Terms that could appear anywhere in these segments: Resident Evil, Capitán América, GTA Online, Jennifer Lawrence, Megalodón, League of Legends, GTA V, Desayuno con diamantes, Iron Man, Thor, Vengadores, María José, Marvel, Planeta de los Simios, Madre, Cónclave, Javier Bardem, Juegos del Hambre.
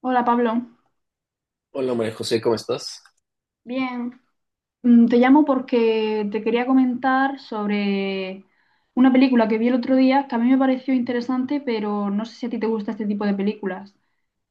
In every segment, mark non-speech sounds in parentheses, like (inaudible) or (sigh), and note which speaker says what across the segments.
Speaker 1: Hola Pablo,
Speaker 2: Hola María José, ¿cómo estás?
Speaker 1: bien. Te llamo porque te quería comentar sobre una película que vi el otro día que a mí me pareció interesante, pero no sé si a ti te gusta este tipo de películas.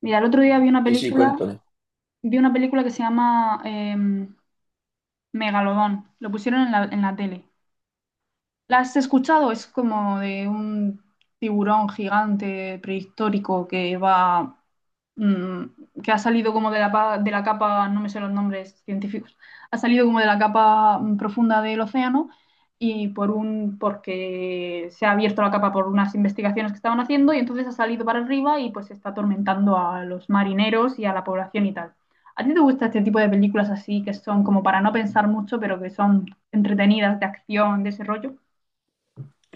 Speaker 1: Mira, el otro día vi una
Speaker 2: Sí, sí,
Speaker 1: película,
Speaker 2: cuéntame.
Speaker 1: que se llama Megalodón. Lo pusieron en la tele. ¿La has escuchado? Es como de un tiburón gigante prehistórico que va mm, que ha salido como de la capa, no me sé los nombres científicos, ha salido como de la capa profunda del océano y por porque se ha abierto la capa por unas investigaciones que estaban haciendo y entonces ha salido para arriba y pues está atormentando a los marineros y a la población y tal. ¿A ti te gusta este tipo de películas así que son como para no pensar mucho, pero que son entretenidas, de acción, de ese rollo?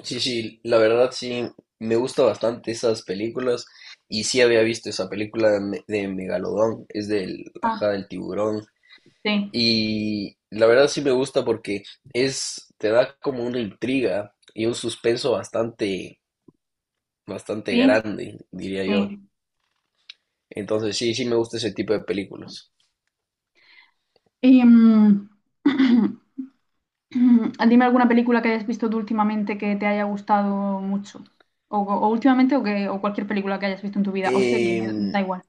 Speaker 2: Sí, sí, la verdad sí, me gusta bastante esas películas y sí había visto esa película de, de Megalodón, es del,
Speaker 1: Ah,
Speaker 2: ajá, del tiburón
Speaker 1: sí,
Speaker 2: y la verdad sí me gusta porque es, te da como una intriga y un suspenso bastante, bastante
Speaker 1: sí,
Speaker 2: grande, diría yo.
Speaker 1: sí.
Speaker 2: Entonces sí, sí me gusta ese tipo de películas.
Speaker 1: Y, (clears throat) (clears throat) dime alguna película que hayas visto tú últimamente que te haya gustado mucho. O últimamente o cualquier película que hayas visto en tu vida. O serie, me
Speaker 2: Em,
Speaker 1: da igual.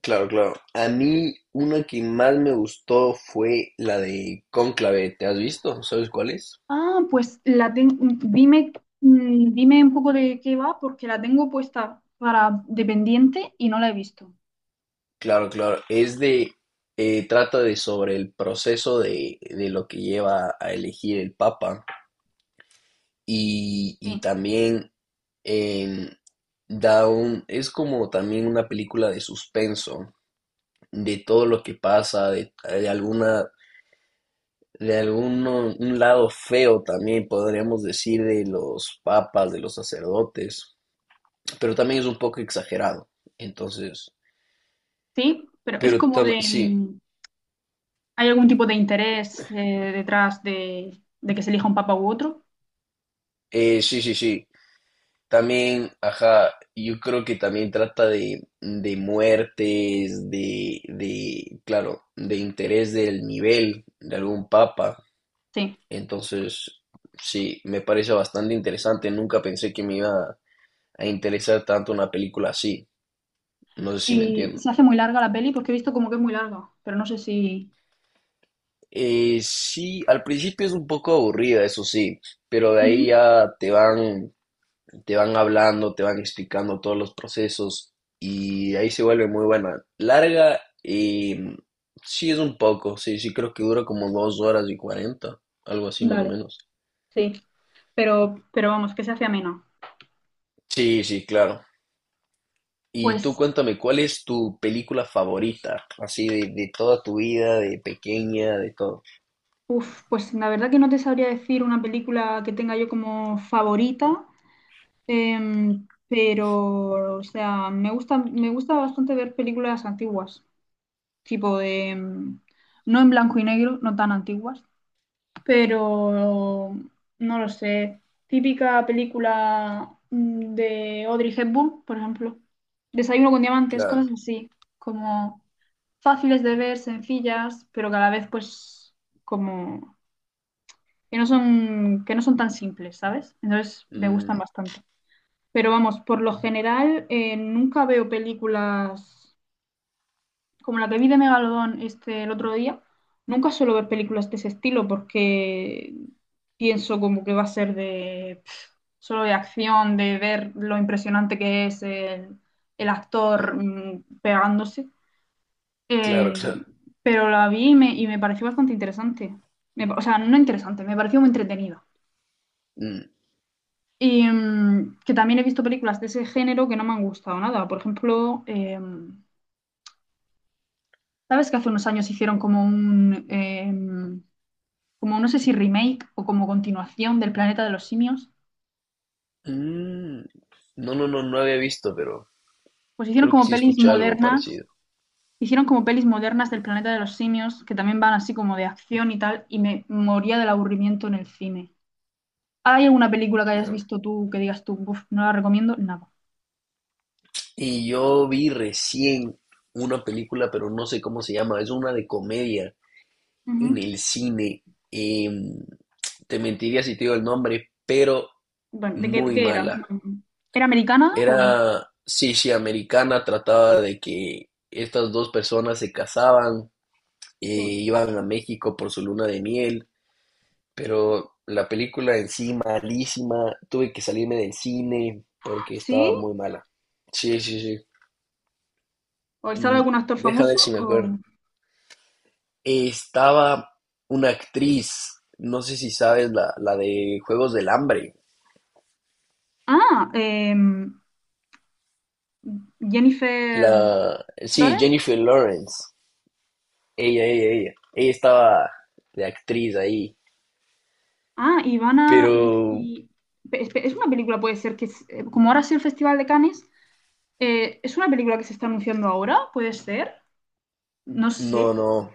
Speaker 2: Claro, claro. A mí una que más me gustó fue la de Cónclave. ¿Te has visto? ¿Sabes cuál es?
Speaker 1: Ah, pues dime, dime un poco de qué va porque la tengo puesta para dependiente y no la he visto.
Speaker 2: Claro, claro. Es de, trata de sobre el proceso de lo que lleva a elegir el Papa y
Speaker 1: Sí,
Speaker 2: también em, da un, es como también una película de suspenso, de todo lo que pasa, de alguna, de alguno un lado feo también podríamos decir de los papas, de los sacerdotes, pero también es un poco exagerado. Entonces,
Speaker 1: sí, pero es como de...
Speaker 2: sí,
Speaker 1: ¿Hay algún tipo de interés, detrás de que se elija un papa u otro?
Speaker 2: sí, sí, sí. También, ajá, yo creo que también trata de muertes, de, claro, de interés del nivel de algún papa.
Speaker 1: Sí.
Speaker 2: Entonces, sí, me parece bastante interesante. Nunca pensé que me iba a interesar tanto una película así. No sé si me
Speaker 1: Y
Speaker 2: entiendo.
Speaker 1: se hace muy larga la peli porque he visto como que es muy larga, pero no sé si...
Speaker 2: Sí, al principio es un poco aburrida, eso sí, pero de
Speaker 1: Ujú.
Speaker 2: ahí ya te van hablando, te van explicando todos los procesos y ahí se vuelve muy buena. Larga y sí es un poco, sí, sí creo que dura como dos horas y cuarenta, algo así más o
Speaker 1: Vale,
Speaker 2: menos.
Speaker 1: sí. Pero vamos, que se hace amena.
Speaker 2: Sí, sí, claro. Y tú
Speaker 1: Pues,
Speaker 2: cuéntame, ¿cuál es tu película favorita? Así de toda tu vida, de pequeña, de todo.
Speaker 1: pues la verdad que no te sabría decir una película que tenga yo como favorita. Pero, o sea, me gusta bastante ver películas antiguas, tipo de, no en blanco y negro, no tan antiguas, pero no lo sé, típica película de Audrey Hepburn, por ejemplo, Desayuno con diamantes,
Speaker 2: Claro.
Speaker 1: cosas así, como fáciles de ver, sencillas, pero que a la vez pues como que no son tan simples, ¿sabes? Entonces me gustan
Speaker 2: Mm,
Speaker 1: bastante. Pero vamos, por lo general nunca veo películas como la que vi de Megalodón este, el otro día. Nunca suelo ver películas de ese estilo porque pienso como que va a ser de solo de acción, de ver lo impresionante que es el actor pegándose.
Speaker 2: claro,
Speaker 1: Eh,
Speaker 2: claro.
Speaker 1: pero la vi y me pareció bastante interesante. O sea, no interesante, me pareció muy entretenida.
Speaker 2: Mm,
Speaker 1: Y que también he visto películas de ese género que no me han gustado nada. Por ejemplo, ¿sabes que hace unos años hicieron como como no sé si remake o como continuación del Planeta de los Simios?
Speaker 2: mm. No, no, no, no había visto, pero
Speaker 1: Pues
Speaker 2: creo que sí escuché algo parecido.
Speaker 1: hicieron como pelis modernas del Planeta de los Simios que también van así como de acción y tal, y me moría del aburrimiento en el cine. ¿Hay alguna película que hayas visto tú que digas tú, "Uf, no la recomiendo"? Nada.
Speaker 2: Y yo vi recién una película, pero no sé cómo se llama, es una de comedia en
Speaker 1: Ujú.
Speaker 2: el cine. Em, Te mentiría si te digo el nombre, pero
Speaker 1: Bueno,
Speaker 2: muy
Speaker 1: qué era?
Speaker 2: mala.
Speaker 1: ¿Era americana o...?
Speaker 2: Era, sí, sí, americana, trataba de que estas dos personas se casaban,
Speaker 1: Sí.
Speaker 2: iban a México por su luna de miel, pero la película en sí malísima, tuve que salirme del cine porque
Speaker 1: ¿Sí?
Speaker 2: estaba muy mala. Sí, sí, sí.
Speaker 1: ¿O sale
Speaker 2: Mm,
Speaker 1: algún actor
Speaker 2: Deja
Speaker 1: famoso?
Speaker 2: ver si me acuerdo. Estaba una actriz, no sé si sabes, la de Juegos del Hambre.
Speaker 1: Ah, Jennifer
Speaker 2: La, sí,
Speaker 1: Lawrence.
Speaker 2: Jennifer Lawrence. Ella estaba de actriz ahí.
Speaker 1: Ah, Ivana.
Speaker 2: Pero
Speaker 1: Es una película, puede ser que, como ahora sí el Festival de Cannes, ¿es una película que se está anunciando ahora? ¿Puede ser? No sé.
Speaker 2: no, no.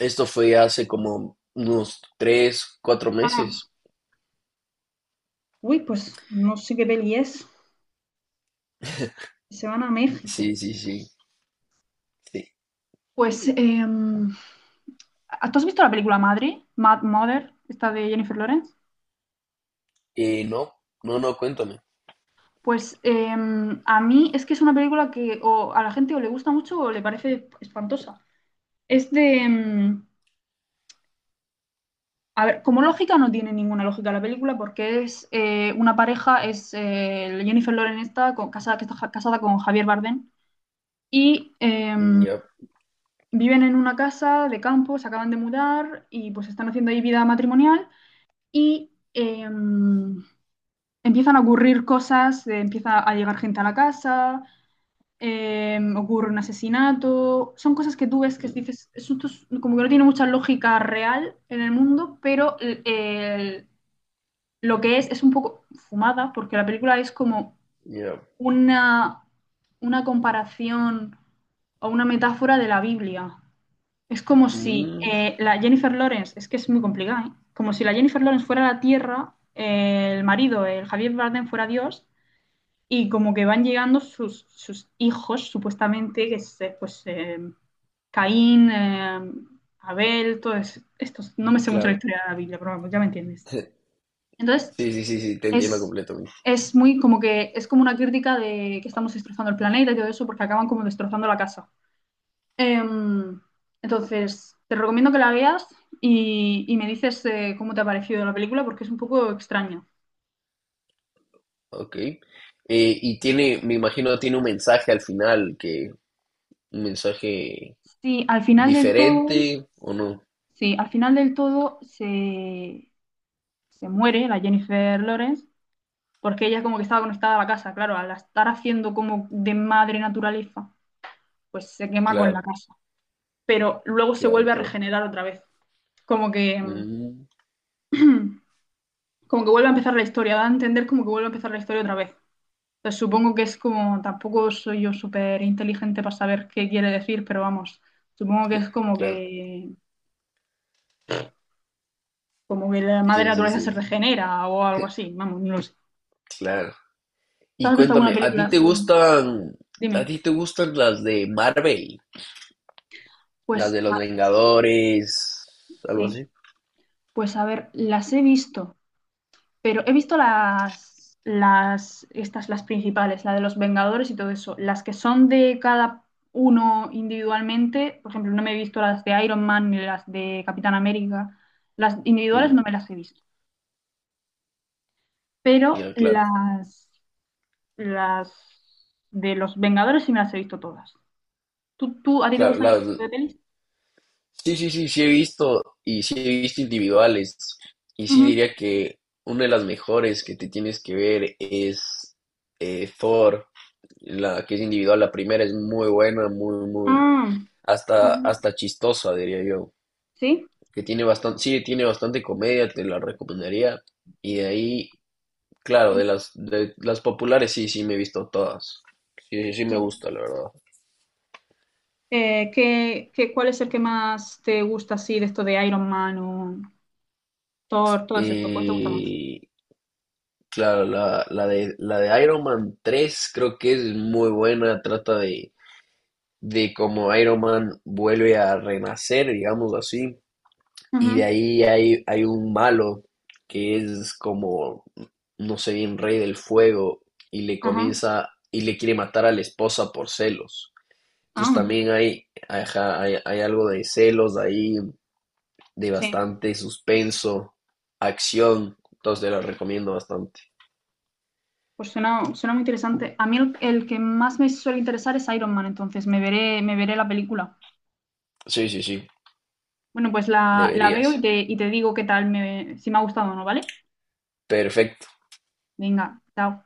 Speaker 2: Esto fue hace como unos tres, cuatro
Speaker 1: Ah,
Speaker 2: meses.
Speaker 1: uy, pues no sé qué peli es. Se van a México.
Speaker 2: Sí, sí, sí. Sí.
Speaker 1: Pues, ¿tú has visto la película Madre, Mad Mother, esta de Jennifer Lawrence?
Speaker 2: No, no, no, cuéntame.
Speaker 1: Pues, a mí es que es una película que o a la gente o le gusta mucho o le parece espantosa. Es de... a ver, como lógica no tiene ninguna lógica la película porque es, una pareja, es Jennifer Lawrence está casada, que está casada con Javier Bardem y
Speaker 2: Ya,
Speaker 1: viven en una casa de campo, se acaban de mudar y pues están haciendo ahí vida matrimonial y empiezan a ocurrir cosas, empieza a llegar gente a la casa, ocurre un asesinato, son cosas que tú ves que
Speaker 2: mm,
Speaker 1: dices, esto como que no tiene mucha lógica real en el mundo, pero lo que es un poco fumada, porque la película es como
Speaker 2: ya.
Speaker 1: una, una, comparación o una metáfora de la Biblia. Es como si,
Speaker 2: Mm,
Speaker 1: la Jennifer Lawrence, es que es muy complicada, ¿eh? Como si la Jennifer Lawrence fuera la tierra, el marido, el Javier Bardem fuera Dios, y como que van llegando sus hijos, supuestamente, que es pues Caín, Abel, todos estos. No me sé mucho la
Speaker 2: claro.
Speaker 1: historia de la Biblia, pero vamos, ya me entiendes. Entonces,
Speaker 2: Sí, sí, sí, sí, te entiendo
Speaker 1: es,
Speaker 2: completamente.
Speaker 1: es muy como que es como una crítica de que estamos destrozando el planeta y todo eso, porque acaban como destrozando la casa. Em, entonces, te recomiendo que la veas y me dices cómo te ha parecido la película, porque es un poco extraña.
Speaker 2: Ok. Y tiene, me imagino, tiene un mensaje al final, que un mensaje
Speaker 1: Sí, al final del todo,
Speaker 2: diferente o no.
Speaker 1: sí, al final del todo se muere, la Jennifer Lawrence, porque ella como que estaba conectada a la casa, claro, al estar haciendo como de madre naturaleza, pues se quema con la
Speaker 2: Claro,
Speaker 1: casa, pero luego se
Speaker 2: claro,
Speaker 1: vuelve a
Speaker 2: claro.
Speaker 1: regenerar otra vez, como que, (clears throat)
Speaker 2: Mm,
Speaker 1: como que vuelve a empezar la historia, da a entender como que vuelve a empezar la historia otra vez. Entonces supongo que es como, tampoco soy yo súper inteligente para saber qué quiere decir, pero vamos, supongo que es como
Speaker 2: claro.
Speaker 1: que, la madre
Speaker 2: Sí, sí,
Speaker 1: naturaleza se
Speaker 2: sí.
Speaker 1: regenera o algo así, vamos, no lo sé.
Speaker 2: Claro.
Speaker 1: ¿Tú
Speaker 2: Y
Speaker 1: has visto alguna
Speaker 2: cuéntame,
Speaker 1: película así?
Speaker 2: ¿a
Speaker 1: Dime.
Speaker 2: ti te gustan las de Marvel, las
Speaker 1: Pues,
Speaker 2: de
Speaker 1: ah,
Speaker 2: los Vengadores, algo
Speaker 1: sí.
Speaker 2: así?
Speaker 1: Pues a ver, las he visto, pero he visto las principales, la de los Vengadores y todo eso. Las que son de cada uno individualmente, por ejemplo, no me he visto las de Iron Man ni las de Capitán América. Las individuales
Speaker 2: Mm,
Speaker 1: no me las he visto, pero
Speaker 2: ya, claro,
Speaker 1: las de los Vengadores sí me las he visto todas. ¿ A ti te
Speaker 2: claro,
Speaker 1: gustan ese
Speaker 2: las,
Speaker 1: tipo de pelis?
Speaker 2: sí, sí, sí, sí he visto y sí he visto individuales. Y sí
Speaker 1: Ujú.
Speaker 2: diría que una de las mejores que te tienes que ver es Thor, la que es individual. La primera es muy buena, muy, muy,
Speaker 1: Ah,
Speaker 2: hasta,
Speaker 1: ujú.
Speaker 2: hasta chistosa, diría yo.
Speaker 1: ¿Sí?
Speaker 2: Que tiene bastante, sí, tiene bastante comedia, te la recomendaría. Y de ahí, claro, de las populares sí, sí me he visto todas. Sí, sí, sí me
Speaker 1: Sí.
Speaker 2: gusta, la verdad.
Speaker 1: ¿ Cuál es el que más te gusta así de esto de Iron Man o Thor, todo estos? ¿Cuál te gusta más?
Speaker 2: Eh, Claro, la, la de Iron Man 3 creo que es muy buena, trata de cómo Iron Man vuelve a renacer, digamos así, y de
Speaker 1: Ujú.
Speaker 2: ahí hay, hay un malo que es como, no sé bien, rey del fuego, y le
Speaker 1: Ajá.
Speaker 2: comienza y le quiere matar a la esposa por celos.
Speaker 1: Ah,
Speaker 2: Entonces
Speaker 1: anda.
Speaker 2: también hay, ajá, hay algo de celos ahí, de
Speaker 1: Sí,
Speaker 2: bastante suspenso, acción, entonces te la recomiendo bastante.
Speaker 1: pues suena muy interesante. A mí el que más me suele interesar es Iron Man, entonces me veré la película.
Speaker 2: Sí, sí, sí,
Speaker 1: Bueno, pues la veo y
Speaker 2: deberías.
Speaker 1: te digo qué tal si me ha gustado o no, ¿vale?
Speaker 2: Perfecto.
Speaker 1: Venga, chao.